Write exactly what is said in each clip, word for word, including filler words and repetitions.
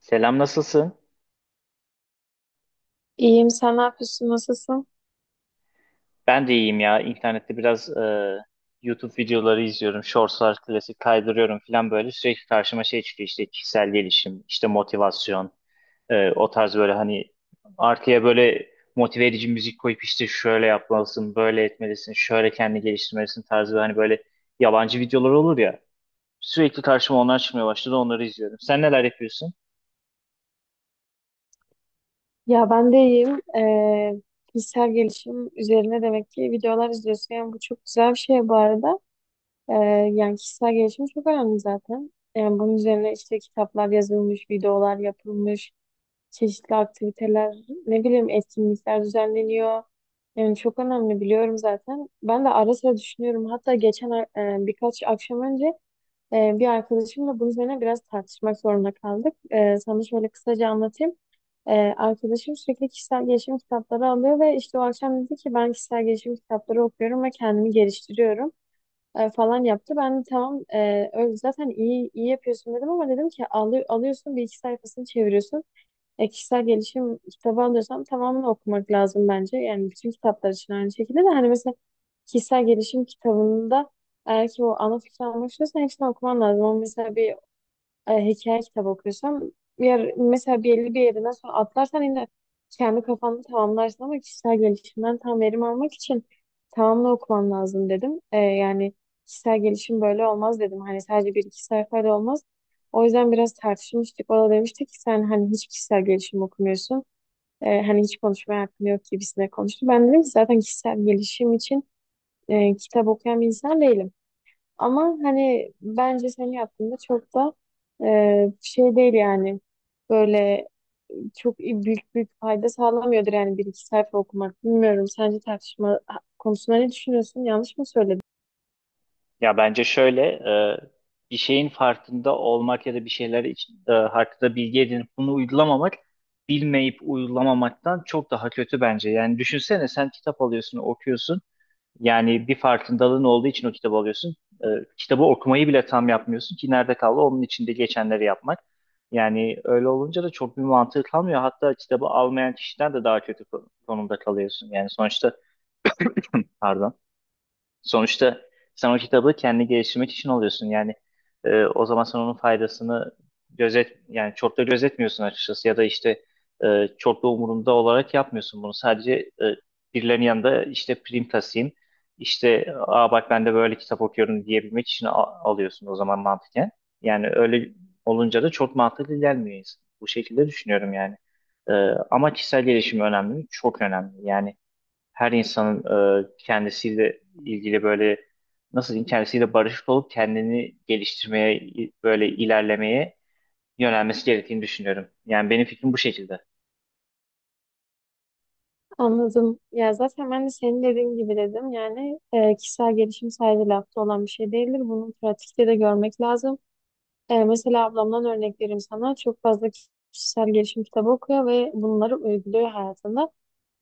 Selam, nasılsın? İyiyim, sen ne yapıyorsun, nasılsın? Ben de iyiyim ya. İnternette biraz e, YouTube videoları izliyorum. Shortslar, klasik kaydırıyorum falan böyle. Sürekli karşıma şey çıkıyor işte kişisel gelişim, işte motivasyon, e, o tarz böyle hani arkaya böyle motive edici müzik koyup işte şöyle yapmalısın, böyle etmelisin, şöyle kendini geliştirmelisin tarzı hani böyle yabancı videolar olur ya. Sürekli karşıma onlar çıkmaya başladı, onları izliyorum. Sen neler yapıyorsun? Ya ben de iyiyim. Ee, kişisel gelişim üzerine demek ki videolar izliyorsun. Yani bu çok güzel bir şey bu arada. Ee, Yani kişisel gelişim çok önemli zaten. Yani bunun üzerine işte kitaplar yazılmış, videolar yapılmış, çeşitli aktiviteler, ne bileyim etkinlikler düzenleniyor. Yani çok önemli biliyorum zaten. Ben de ara sıra düşünüyorum. Hatta geçen e, birkaç akşam önce Ee, bir arkadaşımla bunun üzerine biraz tartışmak zorunda kaldık. Ee, sana şöyle kısaca anlatayım. Ee, Arkadaşım sürekli kişisel gelişim kitapları alıyor ve işte o akşam dedi ki ben kişisel gelişim kitapları okuyorum ve kendimi geliştiriyorum e, falan yaptı. Ben de tamam e, öyle zaten iyi iyi yapıyorsun dedim ama dedim ki "Alı- alıyorsun bir iki sayfasını çeviriyorsun. E, kişisel gelişim kitabı alıyorsam tamamını okumak lazım bence. Yani bütün kitaplar için aynı şekilde de hani mesela kişisel gelişim kitabında eğer ki o ana fikri almak istiyorsan hepsini okuman lazım. Ama mesela bir e, hikaye kitabı okuyorsam yer, mesela belli bir yerinden sonra atlarsan yine kendi kafanda tamamlarsın ama kişisel gelişimden tam verim almak için tamamını okuman lazım dedim. E, yani kişisel gelişim böyle olmaz dedim. Hani sadece bir iki sayfayla olmaz. O yüzden biraz tartışmıştık. O da demişti ki sen hani hiç kişisel gelişim okumuyorsun. E, hani hiç konuşmaya hakkın yok gibisine konuştu. Ben dedim ki zaten kişisel gelişim için e, kitap okuyan bir insan değilim. Ama hani bence senin yaptığında çok da e, şey değil yani. Böyle çok büyük büyük fayda sağlamıyordur yani bir iki sayfa okumak. Bilmiyorum sence tartışma konusunda ne düşünüyorsun? Yanlış mı söyledim? Ya bence şöyle e, bir şeyin farkında olmak ya da bir şeyler için, e, hakkında bilgi edinip bunu uygulamamak bilmeyip uygulamamaktan çok daha kötü bence. Yani düşünsene, sen kitap alıyorsun, okuyorsun. Yani bir farkındalığın olduğu için o kitabı alıyorsun. E, Kitabı okumayı bile tam yapmıyorsun ki nerede kaldı onun içinde geçenleri yapmak. Yani öyle olunca da çok bir mantığı kalmıyor. Hatta kitabı almayan kişiden de daha kötü kon- konumda kalıyorsun. Yani sonuçta pardon. Sonuçta sen o kitabı kendi geliştirmek için alıyorsun. Yani e, o zaman sen onun faydasını gözet yani çok da gözetmiyorsun açıkçası ya da işte e, çok da umurunda olarak yapmıyorsun bunu. Sadece e, birilerinin yanında işte prim tasayım işte aa bak ben de böyle kitap okuyorum diyebilmek için a- alıyorsun o zaman mantıken. Yani öyle olunca da çok mantıklı gelmiyor insan. Bu şekilde düşünüyorum yani. E, Ama kişisel gelişim önemli mi? Çok önemli. Yani her insanın e, kendisiyle ilgili böyle nasıl diyeyim kendisiyle barışık olup kendini geliştirmeye i- böyle ilerlemeye yönelmesi gerektiğini düşünüyorum. Yani benim fikrim bu şekilde. Anladım. Ya zaten ben de senin dediğin gibi dedim. Yani e, kişisel gelişim sadece lafta olan bir şey değildir. Bunu pratikte de görmek lazım. E, mesela ablamdan örnek vereyim sana. Çok fazla kişisel gelişim kitabı okuyor ve bunları uyguluyor hayatında.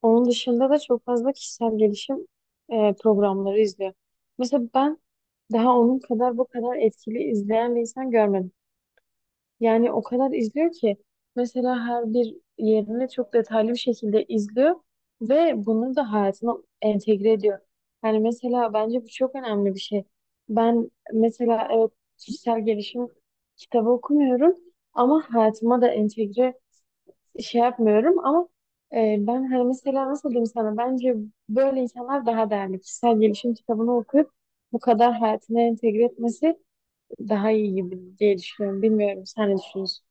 Onun dışında da çok fazla kişisel gelişim e, programları izliyor. Mesela ben daha onun kadar bu kadar etkili izleyen bir insan görmedim. Yani o kadar izliyor ki mesela her bir yerini çok detaylı bir şekilde izliyor ve bunu da hayatına entegre ediyor. Yani mesela bence bu çok önemli bir şey. Ben mesela evet kişisel gelişim kitabı okumuyorum ama hayatıma da entegre şey yapmıyorum ama e, ben hani mesela nasıl diyeyim sana bence böyle insanlar daha değerli. Kişisel gelişim kitabını okuyup bu kadar hayatına entegre etmesi daha iyi gibi diye düşünüyorum. Bilmiyorum sen ne düşünüyorsun?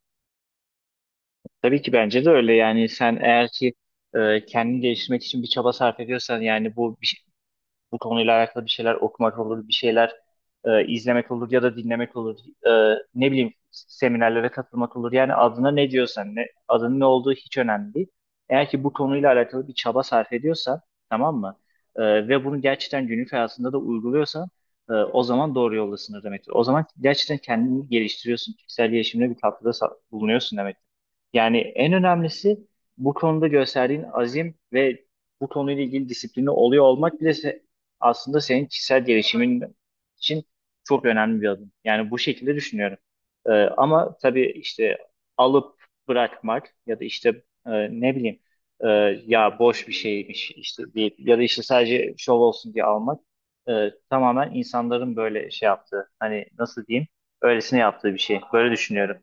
Tabii ki bence de öyle, yani sen eğer ki e, kendini geliştirmek için bir çaba sarf ediyorsan, yani bu bir bu konuyla alakalı bir şeyler okumak olur, bir şeyler e, izlemek olur ya da dinlemek olur. E, Ne bileyim seminerlere katılmak olur. Yani adına ne diyorsan, ne, adının ne olduğu hiç önemli değil. Eğer ki bu konuyla alakalı bir çaba sarf ediyorsan, tamam mı? E, ve bunu gerçekten günlük hayatında da uyguluyorsan e, o zaman doğru yoldasın demektir. O zaman gerçekten kendini geliştiriyorsun. Kişisel gelişimine bir katkıda sa- bulunuyorsun demektir. Yani en önemlisi bu konuda gösterdiğin azim ve bu konuyla ilgili disiplini oluyor olmak bile se- aslında senin kişisel gelişimin için çok önemli bir adım. Yani bu şekilde düşünüyorum. Ee, ama tabii işte alıp bırakmak ya da işte e, ne bileyim e, ya boş bir şeymiş işte deyip ya da işte sadece şov olsun diye almak e, tamamen insanların böyle şey yaptığı, hani nasıl diyeyim, öylesine yaptığı bir şey. Böyle düşünüyorum.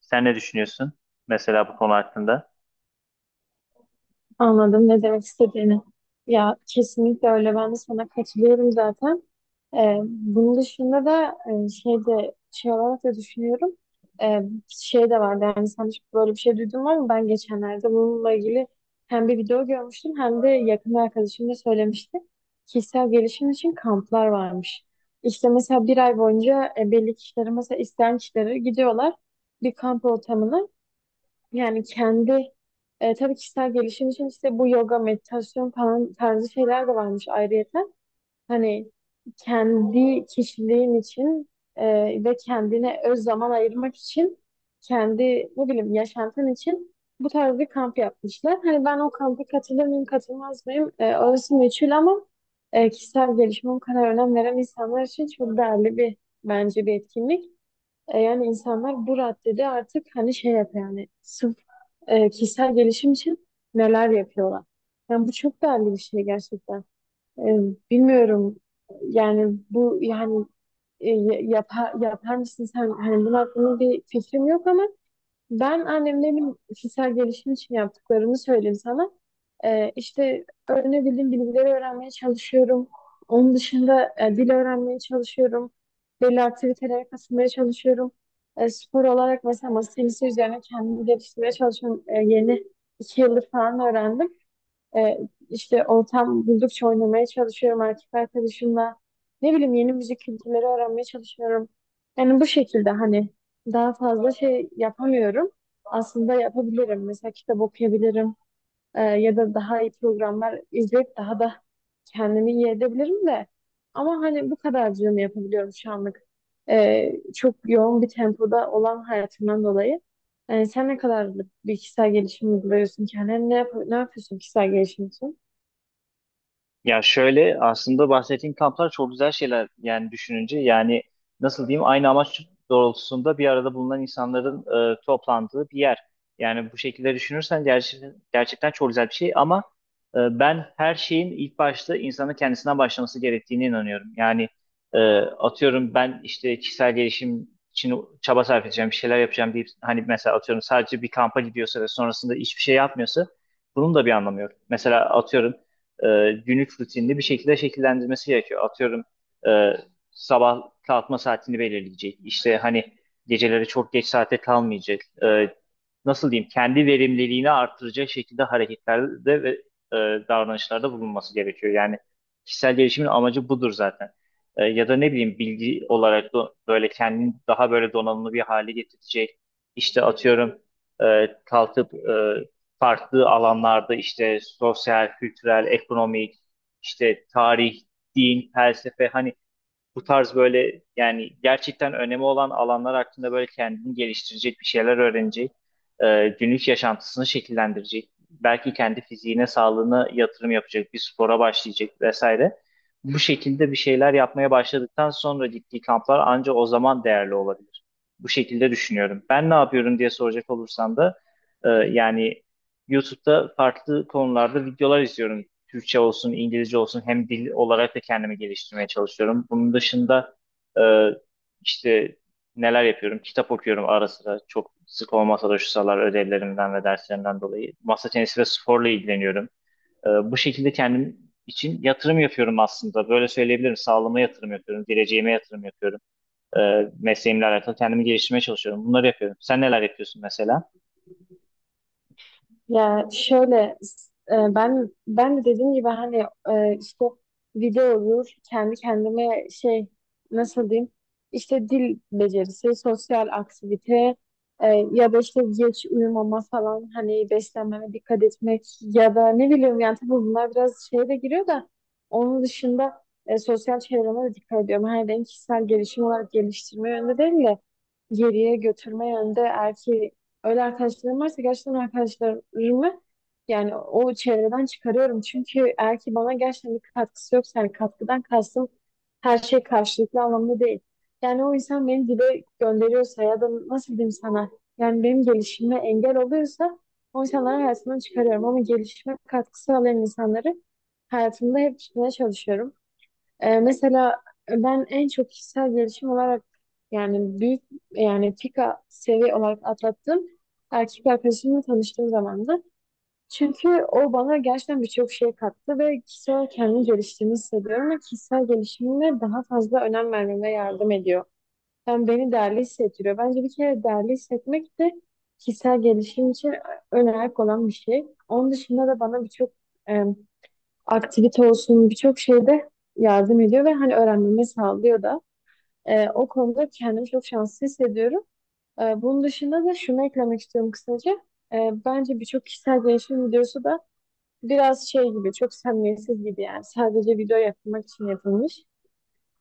Sen ne düşünüyorsun mesela bu konu hakkında? Anladım ne demek istediğini. Ya kesinlikle öyle ben de sana katılıyorum zaten. Ee, bunun dışında da e, şey de şey olarak da düşünüyorum. Ee, Şey de vardı yani sen hiç böyle bir şey duydun mu ama ben geçenlerde bununla ilgili hem bir video görmüştüm hem de yakın bir arkadaşım da söylemişti. Kişisel gelişim için kamplar varmış. İşte mesela bir ay boyunca e, belli kişilere mesela isteyen kişilere gidiyorlar bir kamp ortamına. Yani kendi e, tabii kişisel gelişim için işte bu yoga, meditasyon falan tarzı şeyler de varmış ayrıyeten. Hani kendi kişiliğin için e, ve kendine öz zaman ayırmak için kendi ne bileyim yaşantın için bu tarz bir kamp yapmışlar. Hani ben o kampa katılır mıyım, katılmaz mıyım? E, orası meçhul ama e, kişisel gelişime o kadar önem veren insanlar için çok değerli bir bence bir etkinlik. E, yani insanlar bu raddede artık hani şey yapıyor yani sırf e, kişisel gelişim için neler yapıyorlar. Yani bu çok değerli bir şey gerçekten. E, Bilmiyorum yani bu yani e, yapar, yapar mısın sen? Hani bunun hakkında bir fikrim yok ama ben annemlerin kişisel gelişim için yaptıklarını söyleyeyim sana. Ee, işte öğrenebildiğim bilgileri öğrenmeye çalışıyorum. Onun dışında e, dil öğrenmeye çalışıyorum. Belli aktivitelere katılmaya çalışıyorum. E, spor olarak mesela masa tenisi üzerine kendimi geliştirmeye çalışıyorum. E, yeni iki yıldır falan öğrendim. E, işte ortam buldukça oynamaya çalışıyorum erkek arkadaşımla. Ne bileyim yeni müzik kültürleri öğrenmeye çalışıyorum. Yani bu şekilde hani daha fazla şey yapamıyorum. Aslında yapabilirim. Mesela kitap okuyabilirim. Ee, ya da daha iyi programlar izleyip daha da kendimi iyi edebilirim de. Ama hani bu kadarcığını yapabiliyorum şu anlık. Ee, çok yoğun bir tempoda olan hayatımdan dolayı. Yani sen ne kadarlık bir kişisel gelişim uyguluyorsun kendine? Ne, yap ne yapıyorsun kişisel gelişim için? Ya şöyle, aslında bahsettiğim kamplar çok güzel şeyler yani, düşününce yani nasıl diyeyim aynı amaç doğrultusunda bir arada bulunan insanların e, toplandığı bir yer. Yani bu şekilde düşünürsen gerçekten, gerçekten çok güzel bir şey ama e, ben her şeyin ilk başta insanın kendisinden başlaması gerektiğine inanıyorum. Yani e, atıyorum ben işte kişisel gelişim için çaba sarf edeceğim, bir şeyler yapacağım deyip hani mesela atıyorum sadece bir kampa gidiyorsa ve sonrasında hiçbir şey yapmıyorsa bunun da bir anlamı yok. Mesela atıyorum e, günlük rutinini bir şekilde şekillendirmesi gerekiyor. Atıyorum e, sabah kalkma saatini belirleyecek. İşte hani geceleri çok geç saate kalmayacak. E, nasıl diyeyim, kendi verimliliğini artıracak şekilde hareketlerde ve e, davranışlarda bulunması gerekiyor. Yani kişisel gelişimin amacı budur zaten. E, ya da ne bileyim, bilgi olarak da böyle kendini daha böyle donanımlı bir hale getirecek. İşte atıyorum e, kalkıp e, farklı alanlarda işte sosyal, kültürel, ekonomik, işte tarih, din, felsefe, hani bu tarz böyle yani gerçekten önemi olan alanlar hakkında böyle kendini geliştirecek bir şeyler öğrenecek, e, günlük yaşantısını şekillendirecek, belki kendi fiziğine, sağlığına yatırım yapacak, bir spora başlayacak vesaire. Bu şekilde bir şeyler yapmaya başladıktan sonra gittiği kamplar ancak o zaman değerli olabilir. Bu şekilde düşünüyorum. Ben ne yapıyorum diye soracak olursan da e, yani YouTube'da farklı konularda videolar izliyorum. Türkçe olsun, İngilizce olsun, hem dil olarak da kendimi geliştirmeye çalışıyorum. Bunun dışında e, işte neler yapıyorum? Kitap okuyorum ara sıra. Çok sık olmasa da, şu sıralar ödevlerimden ve derslerimden dolayı. Masa tenisi ve sporla ilgileniyorum. E, bu şekilde kendim için yatırım yapıyorum aslında. Böyle söyleyebilirim. Sağlığıma yatırım yapıyorum. Geleceğime yatırım yapıyorum. E, Mesleğimle alakalı kendimi geliştirmeye çalışıyorum. Bunları yapıyorum. Sen neler yapıyorsun mesela? Ya şöyle e, ben ben de dediğim gibi hani e, işte video olur kendi kendime şey nasıl diyeyim işte dil becerisi, sosyal aktivite e, ya da işte geç uyumama falan hani beslenmeme dikkat etmek ya da ne bileyim yani tabii bunlar biraz şeye de giriyor da onun dışında e, sosyal çevreme de dikkat ediyorum. Hani ben kişisel gelişim olarak geliştirme yönde değil de geriye götürme yönde eğer ki öyle arkadaşlarım varsa gerçekten arkadaşlarımı yani o çevreden çıkarıyorum. Çünkü eğer ki bana gerçekten bir katkısı yoksa yani katkıdan kastım her şey karşılıklı anlamda değil. Yani o insan beni dibe gönderiyorsa ya da nasıl diyeyim sana yani benim gelişime engel oluyorsa o insanları hayatımdan çıkarıyorum. Ama gelişime katkı sağlayan insanları hayatımda hep tutmaya çalışıyorum. Ee, mesela e, ben en çok kişisel gelişim olarak yani büyük yani pika seviye olarak atlattığım erkek arkadaşımla tanıştığım zamandı. Çünkü o bana gerçekten birçok şey kattı ve kişisel olarak kendimi geliştiğimi hissediyorum ve kişisel gelişimime daha fazla önem vermeme yardım ediyor. Yani beni değerli hissettiriyor. Bence bir kere değerli hissetmek de kişisel gelişim için önemli olan bir şey. Onun dışında da bana birçok aktivite olsun birçok şeyde yardım ediyor ve hani öğrenmemi sağlıyor da. Ee, o konuda kendimi çok şanslı hissediyorum. Ee, bunun dışında da şunu eklemek istiyorum kısaca. Ee, bence birçok kişisel gelişim videosu da biraz şey gibi, çok samimiyetsiz gibi yani. Sadece video yapmak için yapılmış.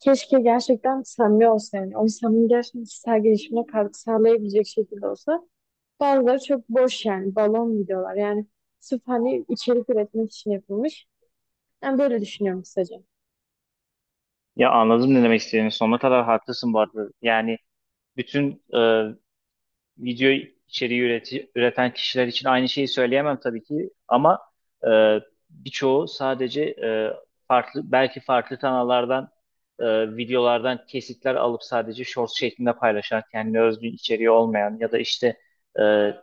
Keşke gerçekten samimi olsa yani. O insanın gerçekten kişisel gelişimine katkı sağlayabilecek şekilde olsa. Bazıları çok boş yani, balon videolar. Yani sırf hani içerik üretmek için yapılmış. Ben böyle düşünüyorum kısaca. Ya anladım ne demek istediğini. Sonuna kadar haklısın bu arada. Yani bütün e, video içeriği üreti- üreten kişiler için aynı şeyi söyleyemem tabii ki. Ama e, birçoğu sadece e, farklı belki farklı kanallardan e, videolardan kesitler alıp sadece short şeklinde paylaşan, kendine özgü içeriği olmayan ya da işte e,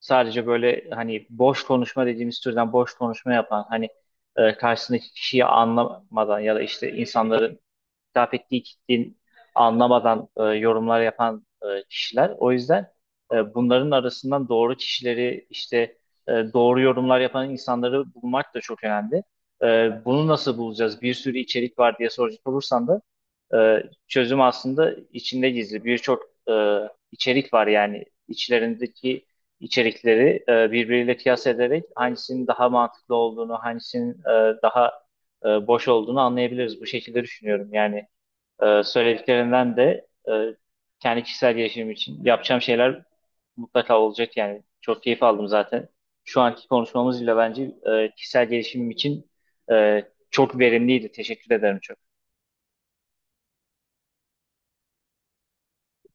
sadece böyle hani boş konuşma dediğimiz türden boş konuşma yapan, hani e, karşısındaki kişiyi anlamadan ya da işte insanların hitap ettiği kitlenin anlamadan e, yorumlar yapan e, kişiler. O yüzden e, bunların arasından doğru kişileri, işte e, doğru yorumlar yapan insanları bulmak da çok önemli. E, bunu nasıl bulacağız? Bir sürü içerik var diye soracak olursan da e, çözüm aslında içinde gizli. Birçok e, içerik var, yani içlerindeki içerikleri e, birbiriyle kıyas ederek hangisinin daha mantıklı olduğunu, hangisinin e, daha e, boş olduğunu anlayabiliriz. Bu şekilde düşünüyorum. Yani ee, söylediklerinden de e, kendi kişisel gelişimim için yapacağım şeyler mutlaka olacak yani. Çok keyif aldım zaten. Şu anki konuşmamız bile bence e, kişisel gelişimim için e, çok verimliydi. Teşekkür ederim çok.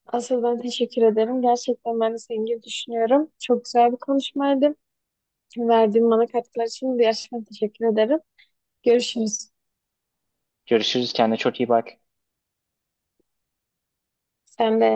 Asıl ben teşekkür ederim. Gerçekten ben de senin gibi düşünüyorum. Çok güzel bir konuşmaydı. Verdiğin bana katkılar için de gerçekten teşekkür ederim. Görüşürüz. Görüşürüz. Kendine çok iyi bak. Sen de.